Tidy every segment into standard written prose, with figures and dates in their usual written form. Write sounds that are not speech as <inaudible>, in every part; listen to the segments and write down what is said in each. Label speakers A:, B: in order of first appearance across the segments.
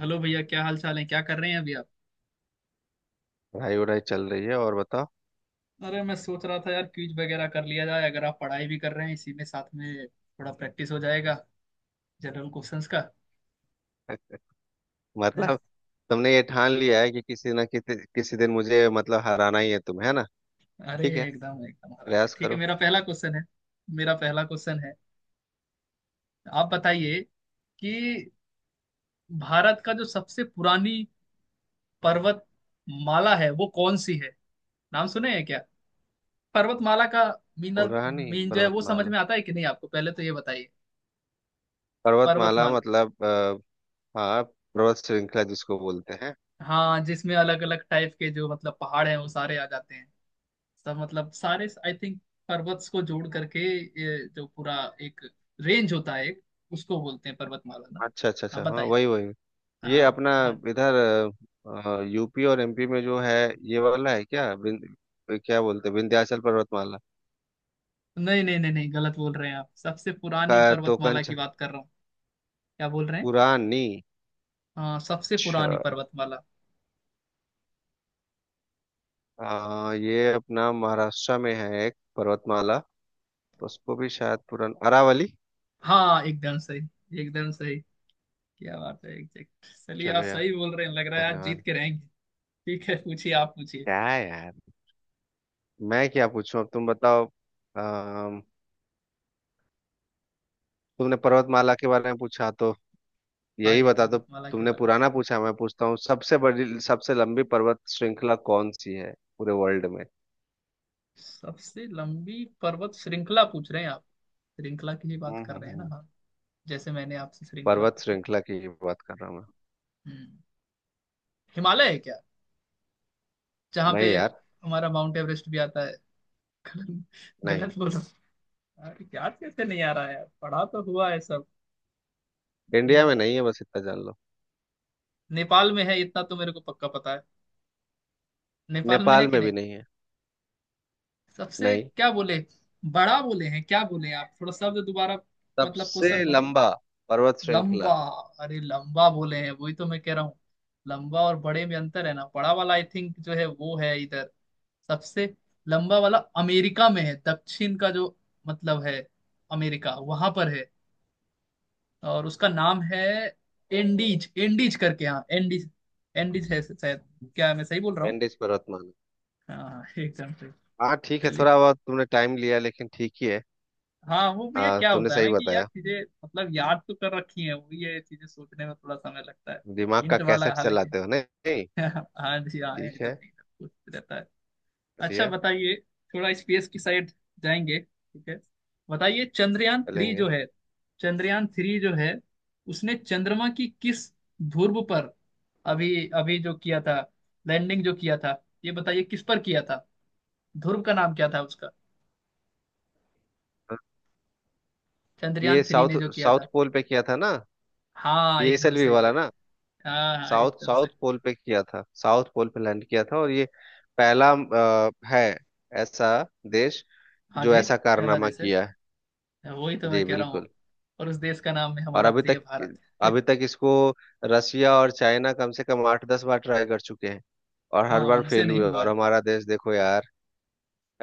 A: Hello भैया, क्या हाल चाल है? क्या कर रहे हैं अभी आप?
B: पढ़ाई वढ़ाई चल रही है। और बताओ।
A: अरे मैं सोच रहा था यार, क्विज वगैरह कर लिया जाए। अगर आप पढ़ाई भी कर रहे हैं इसी में साथ में थोड़ा प्रैक्टिस हो जाएगा जनरल क्वेश्चंस का।
B: <laughs>
A: हैं?
B: मतलब, तुमने ये ठान लिया है कि किसी ना किसी किसी दिन मुझे मतलब हराना ही है तुम्हें, है ना।
A: अरे
B: ठीक है,
A: एकदम एकदम हरा के,
B: प्रयास
A: ठीक है।
B: करो।
A: मेरा पहला क्वेश्चन है। मेरा पहला क्वेश्चन है। आप बताइए कि भारत का जो सबसे पुरानी पर्वत माला है वो कौन सी है? नाम सुने हैं क्या पर्वतमाला का? मीन।
B: पूरा नहीं,
A: मीन जो है वो समझ
B: पर्वतमाला।
A: में आता है कि नहीं आपको, पहले तो ये बताइए।
B: पर्वतमाला
A: पर्वतमाला।
B: मतलब हाँ, पर्वत श्रृंखला जिसको बोलते हैं।
A: हाँ, जिसमें अलग अलग टाइप के जो मतलब पहाड़ हैं वो सारे आ जाते हैं। सब मतलब सारे आई थिंक पर्वत को जोड़ करके ये जो पूरा एक रेंज होता है एक, उसको बोलते हैं पर्वतमाला ना।
B: अच्छा अच्छा
A: हाँ,
B: अच्छा, हाँ
A: बताइए।
B: वही वही। ये
A: हाँ।
B: अपना
A: हाँ,
B: इधर यूपी और एमपी में जो है, ये वाला है क्या? क्या बोलते हैं, विंध्याचल पर्वतमाला
A: नहीं नहीं नहीं नहीं, गलत बोल रहे हैं आप। सबसे पुरानी
B: का? तो
A: पर्वतमाला
B: कंच
A: की बात कर रहा हूँ। क्या बोल रहे हैं?
B: पुरानी।
A: हाँ, सबसे पुरानी
B: अच्छा,
A: पर्वतमाला।
B: ये अपना महाराष्ट्र में है एक पर्वतमाला, उसको भी शायद पुरन, अरावली।
A: हाँ एकदम सही, एकदम सही। क्या बात है! एग्जैक्ट। चलिए,
B: चलो
A: आप
B: यार,
A: सही बोल रहे हैं, लग रहा है आज जीत
B: धन्यवाद।
A: के रहेंगे। ठीक है, पूछिए, आप पूछिए।
B: क्या है यार, मैं क्या पूछूं? अब तुम बताओ। आ, तुमने पर्वतमाला के बारे में पूछा तो
A: हाँ
B: यही
A: जी,
B: बता दो।
A: पर्वतमाला के
B: तुमने
A: बारे
B: पुराना
A: में।
B: पूछा, मैं पूछता हूँ सबसे बड़ी सबसे लंबी पर्वत श्रृंखला कौन सी है पूरे वर्ल्ड में।
A: सबसे लंबी पर्वत श्रृंखला पूछ रहे हैं आप? श्रृंखला की ही बात
B: हम्म
A: कर
B: हम्म,
A: रहे हैं ना?
B: हम्म।
A: हाँ। जैसे मैंने आपसे श्रृंखला
B: पर्वत
A: पूछा।
B: श्रृंखला की बात कर रहा हूँ।
A: हम्म। हिमालय है क्या? जहाँ
B: मैं
A: पे
B: नहीं यार।
A: हमारा माउंट एवरेस्ट भी आता है। <laughs> गलत,
B: नहीं,
A: गलत बोला। अरे याद कैसे नहीं आ रहा है, पढ़ा तो हुआ है सब।
B: इंडिया
A: हम्म।
B: में नहीं है बस इतना जान लो।
A: नेपाल में है इतना तो मेरे को पक्का पता है। नेपाल में है
B: नेपाल
A: कि
B: में
A: नहीं?
B: भी नहीं है।
A: सबसे
B: नहीं,
A: क्या बोले? बड़ा बोले हैं? क्या बोले आप, थोड़ा शब्द दोबारा। मतलब
B: सबसे
A: क्वेश्चन बोले।
B: लंबा पर्वत श्रृंखला।
A: लंबा। अरे लंबा बोले हैं, वही तो मैं कह रहा हूँ। लंबा और बड़े में अंतर है ना? बड़ा वाला आई थिंक जो है वो है इधर, सबसे लंबा वाला अमेरिका में है, दक्षिण का जो मतलब है, अमेरिका वहां पर है। और उसका नाम है एंडीज, एंडीज करके, हाँ एंडीज। एंडीज है शायद। क्या मैं सही बोल रहा हूँ?
B: एंडीज पर्वतमाला।
A: हाँ, एकदम सही।
B: हाँ ठीक है,
A: चलिए।
B: थोड़ा बहुत तुमने टाइम लिया लेकिन ठीक ही है।
A: हाँ वो भैया, क्या
B: तुमने
A: होता है ना
B: सही
A: कि यार,
B: बताया।
A: चीजें मतलब याद तो कर रखी है, वो ये चीजें सोचने में थोड़ा समय लगता है।
B: दिमाग का
A: हिंट वाला
B: कैसेट
A: हालांकि।
B: चलाते हो नहीं।
A: <laughs> हाँ जी हाँ,
B: ठीक
A: एकदम
B: है,
A: एकदम कुछ रहता है। अच्छा,
B: बढ़िया।
A: बताइए। थोड़ा स्पेस की साइड जाएंगे, ठीक है। बताइए, चंद्रयान थ्री
B: चलेंगे।
A: जो है। चंद्रयान थ्री जो है उसने चंद्रमा की किस ध्रुव पर अभी अभी जो किया था लैंडिंग जो किया था, ये बताइए किस पर किया था, ध्रुव का नाम क्या था उसका?
B: हाँ,
A: चंद्रयान
B: ये
A: थ्री
B: साउथ
A: ने जो किया
B: साउथ
A: था।
B: पोल पे किया था ना।
A: हाँ एकदम
B: पीएसएलवी
A: सही
B: वाला
A: बोल
B: ना।
A: रहे हैं। हाँ हाँ,
B: साउथ
A: एकदम
B: साउथ
A: सही।
B: पोल पे किया था, साउथ पोल पे लैंड किया था। और ये पहला है ऐसा देश
A: हाँ
B: जो
A: जी।
B: ऐसा
A: पहला
B: कारनामा
A: देश है,
B: किया है।
A: वही तो मैं
B: जी
A: कह रहा हूँ।
B: बिल्कुल।
A: और उस देश का नाम है
B: और
A: हमारा
B: अभी
A: प्रिय
B: तक,
A: भारत।
B: इसको रसिया और चाइना कम से कम आठ दस बार ट्राई कर चुके हैं और हर
A: हाँ,
B: बार
A: उनसे
B: फेल
A: नहीं
B: हुए,
A: हुआ
B: और
A: है।
B: हमारा देश देखो यार।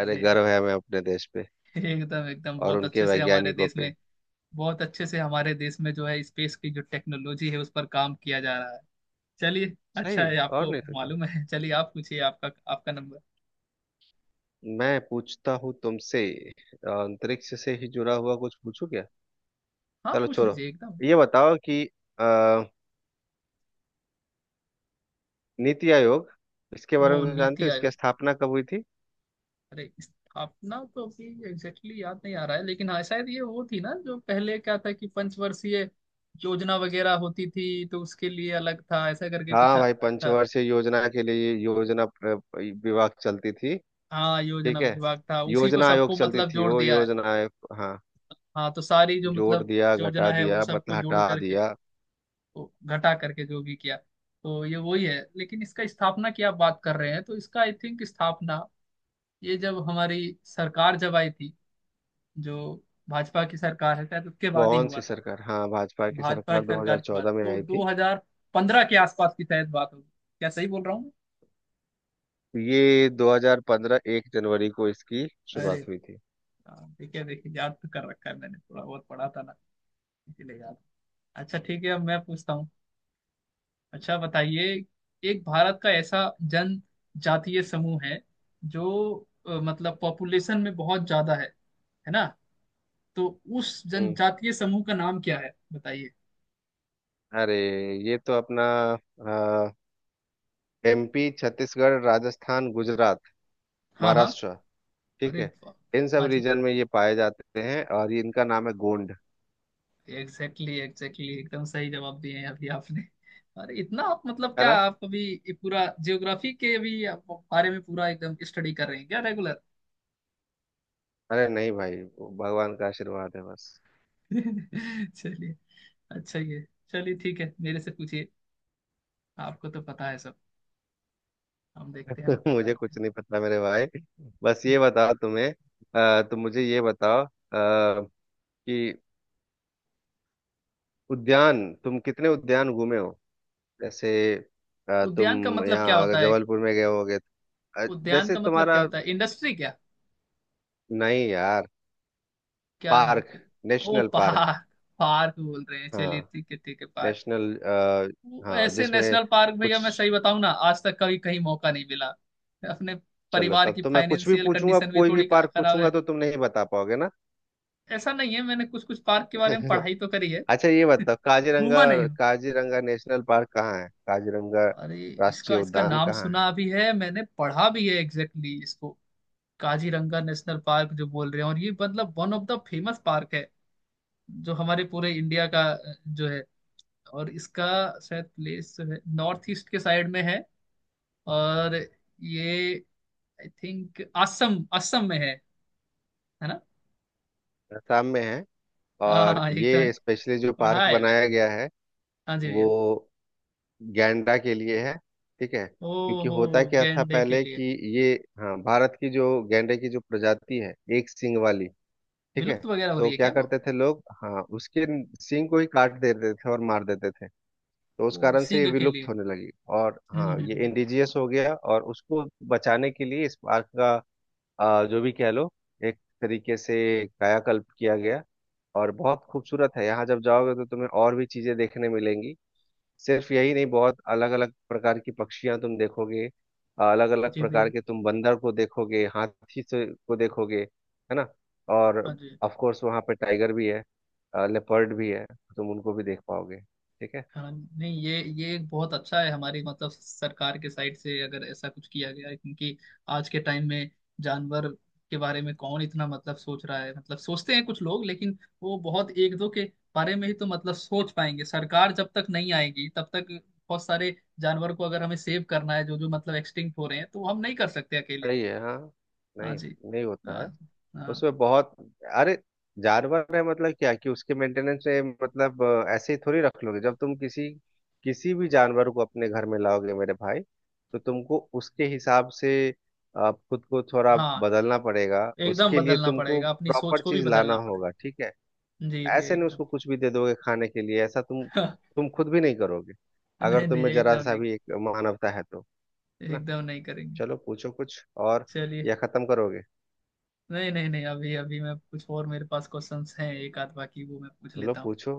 B: अरे,
A: अरे
B: गर्व है हमें अपने देश पे
A: एकदम एकदम,
B: और
A: बहुत
B: उनके
A: अच्छे से हमारे
B: वैज्ञानिकों
A: देश
B: पे।
A: में। बहुत अच्छे से हमारे देश में जो है स्पेस की जो टेक्नोलॉजी है उस पर काम किया जा रहा है। चलिए। अच्छा
B: सही।
A: है
B: और
A: आपको
B: नहीं तो क्या।
A: मालूम है। <laughs> चलिए, आप पूछिए, आपका आपका नंबर।
B: मैं पूछता हूँ तुमसे, अंतरिक्ष से ही जुड़ा हुआ कुछ पूछू क्या?
A: हाँ,
B: चलो
A: पूछ
B: छोड़ो।
A: लीजिए एकदम।
B: ये बताओ कि अ, नीति आयोग, इसके बारे
A: वो
B: में तो जानते
A: नीति
B: हो, इसकी
A: आयोग।
B: स्थापना कब हुई थी?
A: अरे स्थापना तो अभी एग्जैक्टली याद नहीं आ रहा है, लेकिन हाँ शायद ये वो थी ना, जो पहले क्या था कि पंचवर्षीय योजना वगैरह होती थी तो उसके लिए अलग था, ऐसा करके कुछ
B: हाँ भाई,
A: था।
B: पंचवर्षीय योजना के लिए ये योजना विभाग चलती थी।
A: हाँ, योजना
B: ठीक है,
A: विभाग था उसी को
B: योजना आयोग
A: सबको
B: चलती
A: मतलब
B: थी,
A: जोड़
B: वो
A: दिया है।
B: योजना आयोग। हाँ,
A: हाँ, तो सारी जो
B: जोड़
A: मतलब
B: दिया, घटा
A: योजना है उन
B: दिया, मतलब
A: सबको जोड़
B: हटा
A: करके
B: दिया।
A: तो घटा करके जो भी किया, तो ये वही है। लेकिन इसका स्थापना की आप बात कर रहे हैं तो इसका आई थिंक स्थापना ये जब हमारी सरकार जब आई थी, जो भाजपा की सरकार है शायद उसके बाद ही
B: कौन सी
A: हुआ था।
B: सरकार? हाँ, भाजपा की
A: भाजपा की
B: सरकार
A: सरकार के बाद
B: 2014 में
A: तो
B: आई थी।
A: 2015 के आसपास की शायद बात होगी। क्या सही बोल रहा हूँ
B: ये 2015 एक जनवरी को इसकी
A: मैं? अरे।
B: शुरुआत हुई थी।
A: हाँ, ठीक है, देखिए याद तो कर रखा है मैंने, थोड़ा बहुत पढ़ा था ना, इसीलिए याद। अच्छा ठीक है, अब मैं पूछता हूँ। अच्छा, बताइए। एक भारत का ऐसा जनजातीय समूह है जो मतलब पॉपुलेशन में बहुत ज्यादा है ना? तो उस
B: हम्म,
A: जनजातीय समूह का नाम क्या है, बताइए।
B: अरे, ये तो अपना एमपी, छत्तीसगढ़, राजस्थान, गुजरात,
A: हाँ हाँ।
B: महाराष्ट्र, ठीक
A: अरे
B: है,
A: वाह।
B: इन सब
A: हाँ जी।
B: रीजन में ये पाए जाते हैं और ये इनका नाम है गोंड।
A: एग्जैक्टली एग्जैक्टली, एकदम सही जवाब दिए हैं अभी आपने। अरे इतना आप मतलब,
B: है
A: क्या
B: ना।
A: आप अभी ये पूरा जियोग्राफी के भी आप बारे में पूरा एकदम स्टडी कर रहे हैं क्या रेगुलर?
B: अरे नहीं भाई, भगवान का आशीर्वाद है बस।
A: <laughs> चलिए। अच्छा ये, चलिए ठीक है, मेरे से पूछिए। आपको तो पता है सब, हम देखते हैं हमें
B: <laughs>
A: पता
B: मुझे
A: है कि नहीं।
B: कुछ नहीं पता मेरे भाई। बस ये बताओ तुम्हें, तुम मुझे ये बताओ, कि उद्यान, तुम कितने उद्यान घूमे हो? जैसे
A: उद्यान का
B: तुम
A: मतलब क्या
B: यहाँ अगर
A: होता है?
B: जबलपुर में गए होगे। अ,
A: उद्यान
B: जैसे
A: का मतलब क्या
B: तुम्हारा,
A: होता है, इंडस्ट्री क्या?
B: नहीं यार,
A: क्या है
B: पार्क,
A: फिर? ओ
B: नेशनल पार्क।
A: पार्क। पार्क बोल रहे हैं, चलिए
B: हाँ,
A: ठीक है, ठीक है पार्क।
B: नेशनल
A: वो
B: हाँ,
A: ऐसे
B: जिसमें
A: नेशनल पार्क
B: कुछ।
A: भैया, मैं सही बताऊं ना, आज तक कभी कहीं मौका नहीं मिला। अपने
B: चलो
A: परिवार
B: तब
A: की
B: तो मैं कुछ भी
A: फाइनेंशियल
B: पूछूंगा,
A: कंडीशन भी
B: कोई भी
A: थोड़ी
B: पार्क
A: खराब
B: पूछूंगा
A: है।
B: तो तुम नहीं बता पाओगे ना।
A: ऐसा नहीं है, मैंने कुछ कुछ पार्क के बारे में
B: <laughs>
A: पढ़ाई तो करी है।
B: अच्छा, ये
A: <laughs>
B: बताओ, काजीरंगा।
A: घूमा नहीं हूं।
B: काजीरंगा नेशनल पार्क कहाँ है? काजीरंगा
A: अरे इसका
B: राष्ट्रीय
A: इसका
B: उद्यान
A: नाम
B: कहाँ है?
A: सुना भी है, मैंने पढ़ा भी है, एग्जैक्टली इसको। काजीरंगा नेशनल पार्क जो बोल रहे हैं, और ये मतलब one of the famous park है जो हमारे पूरे इंडिया का जो है, और इसका शायद प्लेस जो है नॉर्थ ईस्ट के साइड में है, और ये आई थिंक असम असम में है ना?
B: असम में है।
A: हाँ
B: और
A: हाँ एकदम।
B: ये स्पेशली जो
A: पढ़ा
B: पार्क
A: है मैंने।
B: बनाया गया है,
A: हाँ जी
B: वो
A: भैया।
B: गैंडा के लिए है, ठीक है।
A: ओ।
B: क्योंकि
A: हो,
B: होता क्या था
A: गैंडे के
B: पहले कि
A: लिए।
B: ये, हाँ भारत की जो गैंडे की जो प्रजाति है एक सींग वाली, ठीक है,
A: विलुप्त वगैरह हो
B: तो
A: रही है
B: क्या
A: क्या वो?
B: करते थे लोग, हाँ, उसके सींग को ही काट देते थे और मार देते थे। तो उस
A: वो
B: कारण से ये
A: सींग के लिए।
B: विलुप्त होने लगी। और
A: हम्म
B: हाँ,
A: हम्म
B: ये
A: हम्म।
B: इंडिजियस हो गया और उसको बचाने के लिए इस पार्क का जो भी कह लो, एक तरीके से कायाकल्प किया गया। और बहुत खूबसूरत है, यहाँ जब जाओगे तो तुम्हें और भी चीजें देखने मिलेंगी। सिर्फ यही नहीं, बहुत अलग अलग प्रकार की पक्षियां तुम देखोगे, अलग अलग
A: जी
B: प्रकार
A: भैया।
B: के तुम बंदर को देखोगे, हाथी से को देखोगे, है ना। और
A: हाँ जी।
B: ऑफ कोर्स वहाँ पे टाइगर भी है, लेपर्ड भी है, तुम उनको भी देख पाओगे, ठीक है।
A: हाँ। नहीं, ये एक बहुत अच्छा है हमारी मतलब सरकार के साइड से अगर ऐसा कुछ किया गया है, क्योंकि आज के टाइम में जानवर के बारे में कौन इतना मतलब सोच रहा है? मतलब सोचते हैं कुछ लोग, लेकिन वो बहुत एक दो के बारे में ही तो मतलब सोच पाएंगे, सरकार जब तक नहीं आएगी तब तक। बहुत सारे जानवर को अगर हमें सेव करना है जो जो मतलब एक्सटिंक्ट हो रहे हैं, तो वो हम नहीं कर सकते अकेले।
B: सही है हाँ।
A: हाँ
B: नहीं,
A: जी।
B: नहीं होता
A: हाँ
B: है।
A: हाँ।
B: उसमें बहुत, अरे, जानवर है मतलब क्या कि उसके मेंटेनेंस में मतलब ऐसे ही थोड़ी रख लोगे। जब तुम किसी, किसी भी जानवर को अपने घर में लाओगे मेरे भाई, तो तुमको उसके हिसाब से खुद को थोड़ा
A: हाँ,
B: बदलना पड़ेगा,
A: एकदम
B: उसके लिए
A: बदलना
B: तुमको
A: पड़ेगा, अपनी सोच
B: प्रॉपर
A: को भी
B: चीज लाना
A: बदलना पड़ेगा।
B: होगा, ठीक है।
A: जी भैया,
B: ऐसे नहीं
A: एकदम।
B: उसको कुछ भी दे दोगे खाने के लिए, ऐसा तुम
A: <laughs>
B: तुम खुद भी नहीं करोगे, अगर
A: नहीं नहीं,
B: तुम्हें जरा
A: एकदम
B: सा
A: नहीं।
B: भी एक मानवता है तो। ना,
A: एकदम नहीं करेंगे।
B: चलो पूछो कुछ और,
A: चलिए।
B: या खत्म करोगे।
A: नहीं नहीं नहीं, अभी अभी मैं, कुछ और मेरे पास क्वेश्चंस हैं एक आध बाकी वो मैं पूछ
B: चलो
A: लेता हूँ।
B: पूछो।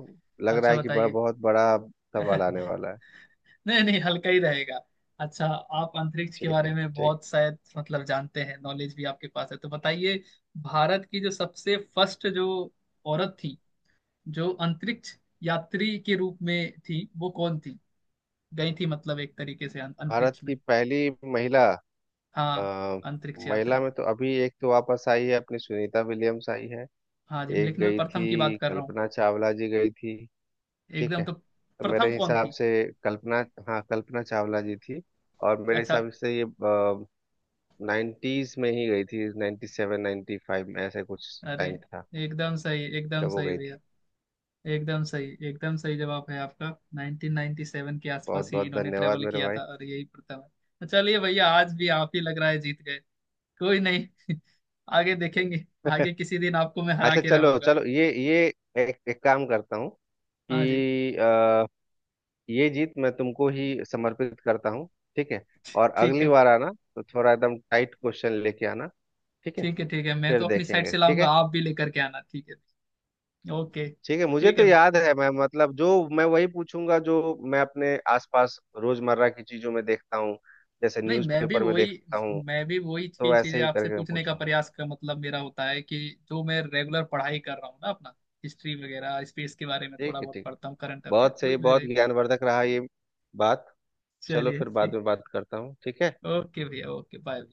B: लग रहा
A: अच्छा,
B: है कि बड़ा,
A: बताइए। <laughs>
B: बहुत बड़ा सवाल आने वाला है।
A: नहीं नहीं, हल्का ही रहेगा। अच्छा, आप अंतरिक्ष के
B: ठीक है
A: बारे में
B: ठीक।
A: बहुत शायद मतलब जानते हैं, नॉलेज भी आपके पास है, तो बताइए। भारत की जो सबसे फर्स्ट जो औरत थी जो अंतरिक्ष यात्री के रूप में थी वो कौन थी? गई थी मतलब एक तरीके से
B: भारत
A: अंतरिक्ष में।
B: की पहली महिला,
A: हाँ।
B: अ,
A: अंतरिक्ष
B: महिला
A: यात्री।
B: में तो अभी एक तो वापस आई है अपनी, सुनीता विलियम्स आई है।
A: हाँ जी,
B: एक
A: लेकिन मैं
B: गई
A: प्रथम की बात
B: थी,
A: कर रहा हूँ।
B: कल्पना चावला जी गई थी। ठीक
A: एकदम
B: है,
A: तो।
B: तो
A: प्रथम
B: मेरे
A: कौन
B: हिसाब
A: थी?
B: से कल्पना, हाँ, कल्पना चावला जी थी। और मेरे
A: अच्छा।
B: हिसाब से ये नाइन्टीज में ही गई थी। नाइन्टी सेवन, नाइन्टी फाइव में ऐसे कुछ
A: अरे
B: टाइम था
A: एकदम सही, एकदम
B: जब वो
A: सही
B: गई
A: भैया।
B: थी।
A: एकदम सही, एकदम सही जवाब है आपका। 1997 के
B: बहुत
A: आसपास ही
B: बहुत
A: इन्होंने
B: धन्यवाद
A: ट्रेवल
B: मेरे
A: किया
B: भाई।
A: था और यही प्रथम है। तो चलिए भैया, आज भी आप ही लग रहा है जीत गए। कोई नहीं। <laughs> आगे देखेंगे।
B: <laughs>
A: आगे किसी दिन आपको मैं हरा
B: अच्छा
A: के
B: चलो
A: रहूंगा।
B: चलो, ये एक, एक काम करता हूँ
A: हाँ जी।
B: कि ये जीत मैं तुमको ही समर्पित करता हूँ, ठीक है। और
A: ठीक
B: अगली
A: है,
B: बार आना तो थोड़ा एकदम टाइट क्वेश्चन लेके आना, ठीक है,
A: ठीक है। ठीक है, मैं
B: फिर
A: तो अपनी साइड
B: देखेंगे,
A: से
B: ठीक
A: लाऊंगा,
B: है।
A: आप भी लेकर के आना, ठीक है। ओके।
B: ठीक है, मुझे
A: ठीक
B: तो
A: है।
B: याद है, मैं मतलब जो, मैं वही पूछूंगा जो मैं अपने आसपास रोजमर्रा की चीजों में देखता हूँ, जैसे
A: नहीं, मैं भी
B: न्यूज़पेपर में
A: वही
B: देखता हूँ,
A: मैं भी वही
B: तो
A: चीज
B: ऐसे
A: चीजें
B: ही
A: आपसे
B: करके मैं
A: पूछने का
B: पूछूंगा।
A: प्रयास का मतलब मेरा होता है कि जो मैं रेगुलर पढ़ाई कर रहा हूँ ना अपना, हिस्ट्री वगैरह स्पेस के बारे में थोड़ा
B: ठीक है
A: बहुत
B: ठीक है,
A: पढ़ता हूँ, करंट अफेयर
B: बहुत सही,
A: वही
B: बहुत
A: मेरे।
B: ज्ञानवर्धक रहा ये बात। चलो
A: चलिए
B: फिर बाद
A: ठीक।
B: में बात करता हूँ, ठीक है।
A: ओके भैया, ओके बाय।